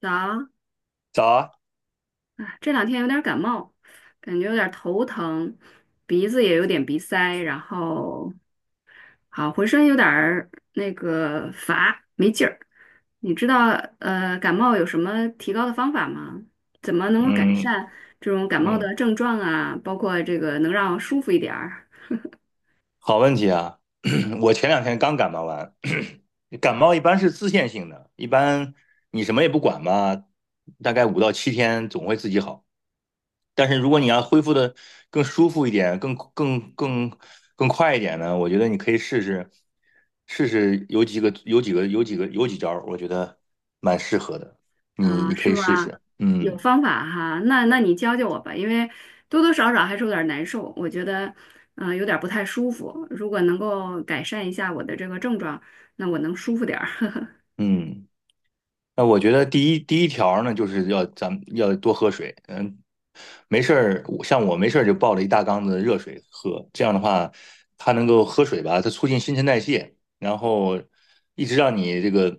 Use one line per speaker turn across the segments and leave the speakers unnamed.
早，
早啊，
哎这两天有点感冒，感觉有点头疼，鼻子也有点鼻塞，然后好浑身有点儿乏，没劲儿。你知道感冒有什么提高的方法吗？怎么能够改
嗯
善这种感冒
嗯，
的症状啊？包括这个能让舒服一点儿。
好问题啊！我前两天刚感冒完，感冒一般是自限性的，一般你什么也不管嘛，大概5到7天总会自己好。但是如果你要恢复的更舒服一点，更快一点呢，我觉得你可以试试，有几招儿我觉得蛮适合的，你
啊，
你可
是
以试
吗？
试。
有
嗯
方法哈，那你教教我吧，因为多多少少还是有点难受，我觉得，嗯、有点不太舒服。如果能够改善一下我的这个症状，那我能舒服点儿。
嗯。那我觉得第一条呢，就是要咱们要多喝水。嗯，没事儿，我像我没事儿就抱着一大缸子热水喝，这样的话，它能够喝水吧，它促进新陈代谢，然后一直让你这个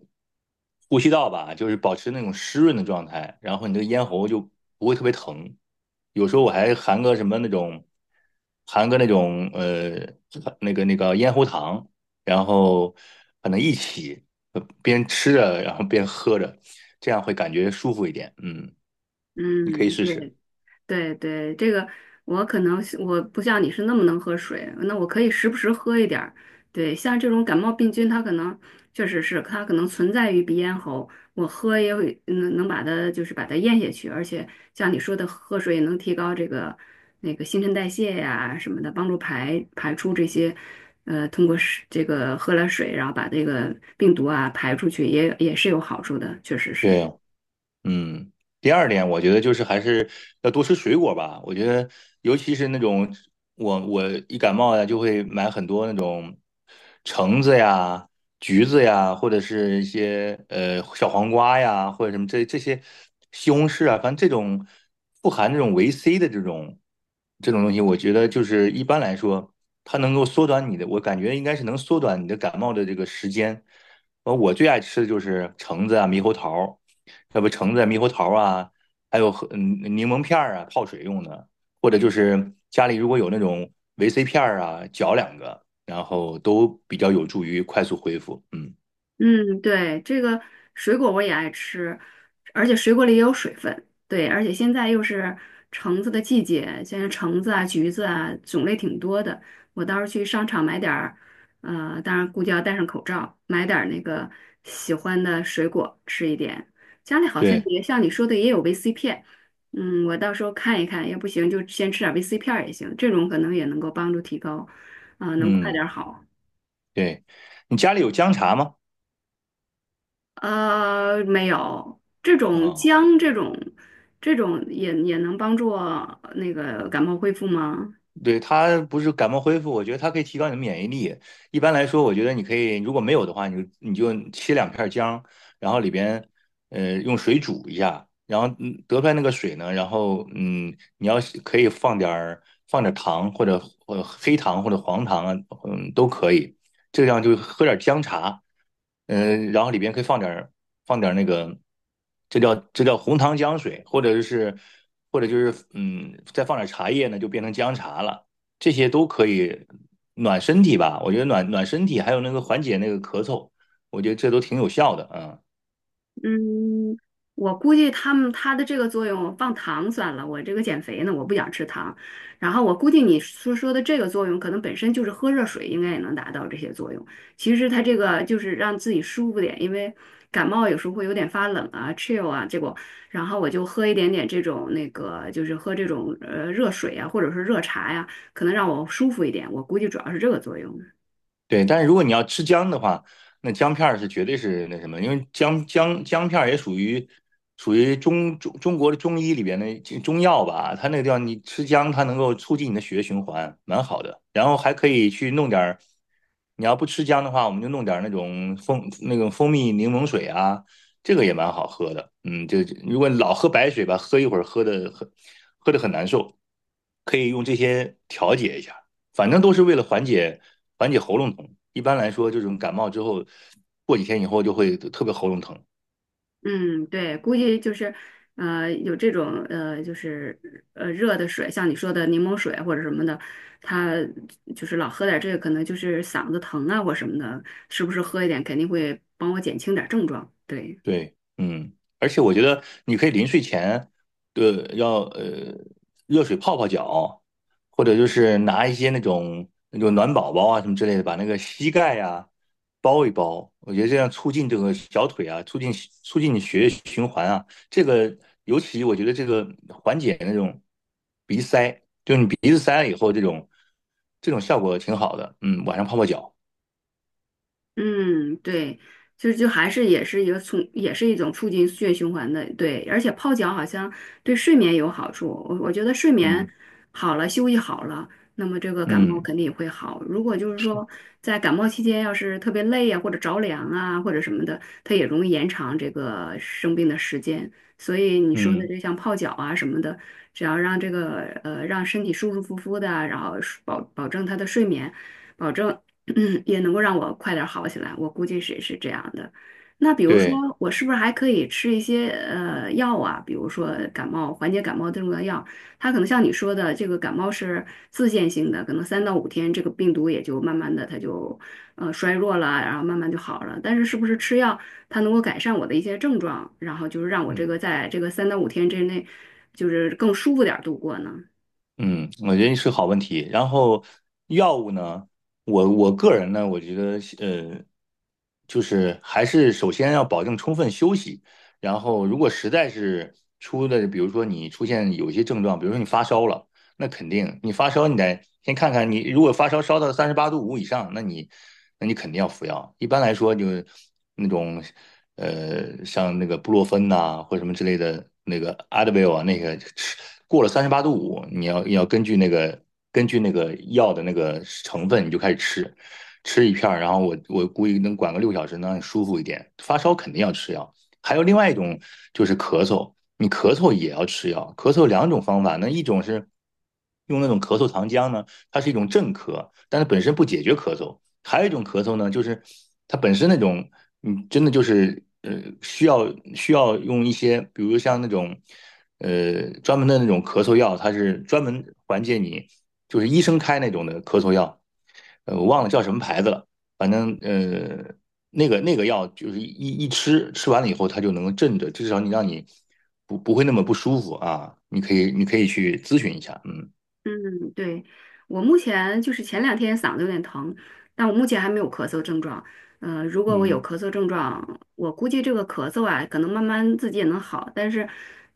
呼吸道吧，就是保持那种湿润的状态，然后你这个咽喉就不会特别疼。有时候我还含个什么那种，含个那种那个咽喉糖。然后可能一起边吃着，然后边喝着，这样会感觉舒服一点。嗯，你可以
嗯，
试试。
对。对对，这个我可能是我不像你是那么能喝水，那我可以时不时喝一点儿。对，像这种感冒病菌，它可能确实是它可能存在于鼻咽喉，我喝也会能把它就是把它咽下去，而且像你说的喝水也能提高这个那个新陈代谢呀什么的，帮助排出这些通过是这个喝了水，然后把这个病毒啊排出去也也是有好处的，确实是。
对，嗯，第二点，我觉得就是还是要多吃水果吧。我觉得，尤其是那种我一感冒呀，就会买很多那种橙子呀、橘子呀，或者是一些小黄瓜呀，或者什么这些西红柿啊，反正这种富含这种维 C 的这种东西，我觉得就是一般来说，它能够缩短你的，我感觉应该是能缩短你的感冒的这个时间。呃，我最爱吃的就是橙子啊、猕猴桃。要不橙子、猕猴桃啊，还有和柠檬片儿啊，泡水用的，或者就是家里如果有那种维 C 片儿啊，嚼两个，然后都比较有助于快速恢复。嗯，
嗯，对，这个水果我也爱吃，而且水果里也有水分。对，而且现在又是橙子的季节，现在橙子啊、橘子啊种类挺多的。我到时候去商场买点儿，呃，当然估计要戴上口罩，买点儿那个喜欢的水果吃一点。家里好像
对，
也像你说的也有维 C 片，嗯，我到时候看一看，要不行就先吃点维 C 片儿也行，这种可能也能够帮助提高，啊、能快点
嗯，
儿好。
对，你家里有姜茶吗？
呃，没有，
啊、
这种也也能帮助感冒恢复吗？
对，它不是感冒恢复，我觉得它可以提高你的免疫力。一般来说，我觉得你可以，如果没有的话，你就切两片姜，然后里边用水煮一下，然后得出来那个水呢，然后你要是可以放点儿糖或者黑糖或者黄糖啊，嗯都可以，这样就喝点姜茶，然后里边可以放点儿那个，这叫红糖姜水，或者就是再放点茶叶呢，就变成姜茶了。这些都可以暖身体吧，我觉得暖暖身体，还有那个缓解那个咳嗽，我觉得这都挺有效的啊。
嗯，我估计他们它的这个作用放糖算了，我这个减肥呢，我不想吃糖。然后我估计你说的这个作用，可能本身就是喝热水应该也能达到这些作用。其实它这个就是让自己舒服点，因为感冒有时候会有点发冷啊、chill 啊，结果然后我就喝一点点这种那个，就是喝这种热水啊，或者是热茶呀、可能让我舒服一点。我估计主要是这个作用。
对，但是如果你要吃姜的话，那姜片儿是绝对是那什么，因为姜片儿也属于中国的中医里边的中药吧，它那个地方你吃姜，它能够促进你的血液循环，蛮好的。然后还可以去弄点儿，你要不吃姜的话，我们就弄点儿那种那种蜂蜜柠檬水啊，这个也蛮好喝的。嗯，就如果老喝白水吧，喝一会儿喝的很难受，可以用这些调节一下。反正都是为了缓解喉咙痛。一般来说，这种感冒之后，过几天以后就会特别喉咙疼，
嗯，对，估计就是，有这种，就是热的水，像你说的柠檬水或者什么的，他就是老喝点这个，可能就是嗓子疼啊或什么的，是不是喝一点肯定会帮我减轻点症状？对。
对，嗯，而且我觉得你可以临睡前，对，要热水泡泡脚，或者就是拿一些那种暖宝宝啊什么之类的，把那个膝盖呀、包一包。我觉得这样促进这个小腿啊，促进你血液循环啊。这个尤其我觉得这个缓解那种鼻塞，就是你鼻子塞了以后，这种效果挺好的。嗯，晚上泡泡脚，
嗯，对，就就还是也是一个促，也是一种促进血液循环的，对，而且泡脚好像对睡眠有好处，我觉得睡眠
嗯
好了，休息好了，那么这个感冒
嗯
肯定也会好。如果就是
是，
说在感冒期间要是特别累呀、或者着凉啊，或者什么的，它也容易延长这个生病的时间。所以你说的
嗯
这像泡脚啊什么的，只要让这个让身体舒舒服服的，然后保证他的睡眠。保证嗯，也能够让我快点儿好起来，我估计是是这样的。那比如说，
对，
我是不是还可以吃一些药啊？比如说感冒缓解感冒症状的药，它可能像你说的，这个感冒是自限性的，可能三到五天，这个病毒也就慢慢的它就衰弱了，然后慢慢就好了。但是是不是吃药，它能够改善我的一些症状，然后就是让我这个
嗯。
在这个三到五天之内，就是更舒服点儿度过呢？
嗯，我觉得是个好问题。然后药物呢，我个人呢，我觉得就是还是首先要保证充分休息。然后如果实在是出的，比如说你出现有一些症状，比如说你发烧了，那肯定你发烧你得先看看你，如果发烧烧到三十八度五以上，那你肯定要服药。一般来说，就是那种。呃，像那个布洛芬呐、或者什么之类的那个 Advil 啊，那个吃过了三十八度五，你要根据那个药的那个成分，你就开始吃，吃一片儿，然后我估计能管个6小时，能让你舒服一点。发烧肯定要吃药，还有另外一种就是咳嗽，你咳嗽也要吃药，咳嗽两种方法，那一种是用那种咳嗽糖浆呢。它是一种镇咳，但它本身不解决咳嗽。还有一种咳嗽呢，就是它本身那种，嗯，真的就是需要用一些，比如像那种专门的那种咳嗽药，它是专门缓解你，就是医生开那种的咳嗽药，呃，我忘了叫什么牌子了，反正。那个那个药就是一吃，吃完了以后它就能镇着，至少你让你不会那么不舒服啊。你可以去咨询一下，嗯
嗯，对，我目前就是前两天嗓子有点疼，但我目前还没有咳嗽症状。呃，如果我有
嗯，
咳嗽症状，我估计这个咳嗽啊，可能慢慢自己也能好。但是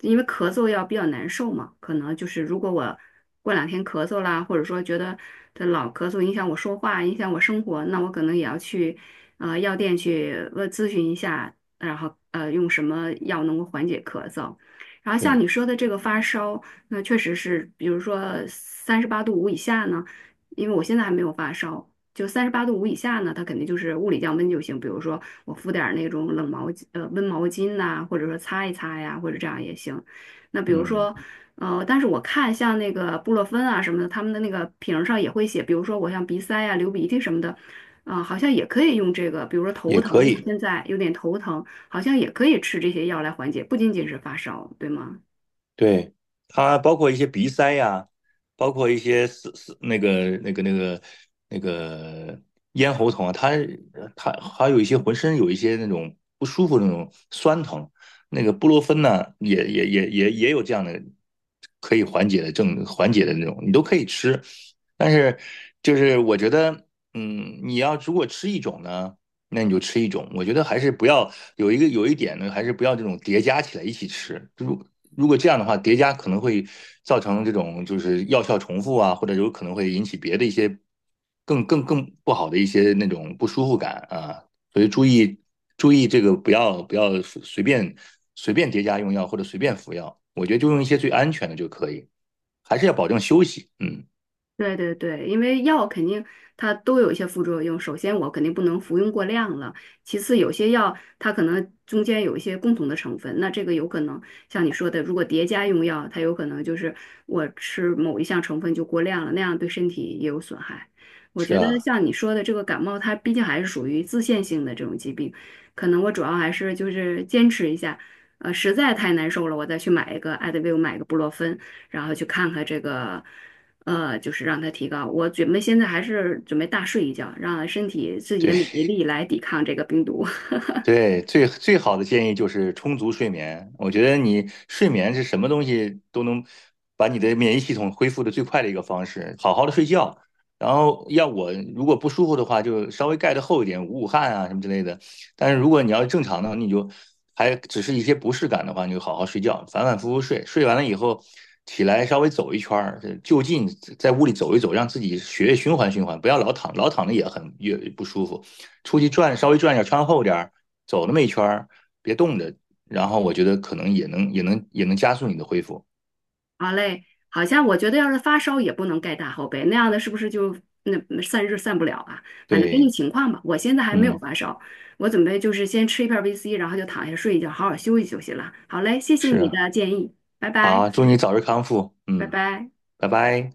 因为咳嗽要比较难受嘛，可能就是如果我过两天咳嗽啦，或者说觉得这老咳嗽影响我说话，影响我生活，那我可能也要去药店去问咨询一下，然后用什么药能够缓解咳嗽。然后像
对，
你说的这个发烧。那确实是，比如说三十八度五以下呢，因为我现在还没有发烧，就三十八度五以下呢，它肯定就是物理降温就行。比如说我敷点儿那种冷毛巾，温毛巾呐、或者说擦一擦呀，或者这样也行。那比如
嗯，
说，但是我看像那个布洛芬啊什么的，他们的那个瓶儿上也会写，比如说我像鼻塞呀、流鼻涕什么的，啊、好像也可以用这个。比如说头
也
疼，
可
因为我
以，
现在有点头疼，好像也可以吃这些药来缓解，不仅仅是发烧，对吗？
对，它包括一些鼻塞呀，包括一些是是那个咽喉痛啊，它还有一些浑身有一些那种不舒服的那种酸疼，那个布洛芬呢，也有这样的可以缓解的缓解的那种，你都可以吃，但是就是我觉得，嗯，你要如果吃一种呢。那你就吃一种。我觉得还是不要有一点呢，还是不要这种叠加起来一起吃。如果这样的话，叠加可能会造成这种就是药效重复啊，或者有可能会引起别的一些更不好的一些那种不舒服感啊。所以注意这个不要随便叠加用药或者随便服药。我觉得就用一些最安全的就可以，还是要保证休息。嗯，
对对对，因为药肯定它都有一些副作用。首先，我肯定不能服用过量了。其次，有些药它可能中间有一些共同的成分，那这个有可能像你说的，如果叠加用药，它有可能就是我吃某一项成分就过量了，那样对身体也有损害。我
是
觉得
啊，
像你说的这个感冒，它毕竟还是属于自限性的这种疾病，可能我主要还是就是坚持一下，实在太难受了，我再去买一个艾德维，买一个布洛芬。然后去看看这个，就是让它提高。我准备现在还是准备大睡一觉，让身体自己的免
对。
疫力来抵抗这个病毒。
对，最最好的建议就是充足睡眠。我觉得你睡眠是什么东西都能把你的免疫系统恢复的最快的一个方式。好好的睡觉，然后要我如果不舒服的话，就稍微盖得厚一点，捂捂汗啊什么之类的。但是如果你要是正常的，你就还只是一些不适感的话，你就好好睡觉，反反复复睡。睡完了以后起来稍微走一圈儿，就近在屋里走一走，让自己血液循环循环，不要老躺，老躺着也很也不舒服。出去转稍微转一下，穿厚点儿。走那么一圈儿，别冻着，然后我觉得可能也能加速你的恢复。
好嘞，好像我觉得要是发烧也不能盖大厚被，那样的是不是就那散热散不了啊？反正根据
对，
情况吧。我现在还没有
嗯，
发烧，我准备就是先吃一片儿 VC，然后就躺下睡一觉，好好休息休息了。好嘞，谢谢
是
你
啊，
的建议，拜拜，
好，祝你早日康复，
拜
嗯，
拜。
拜拜。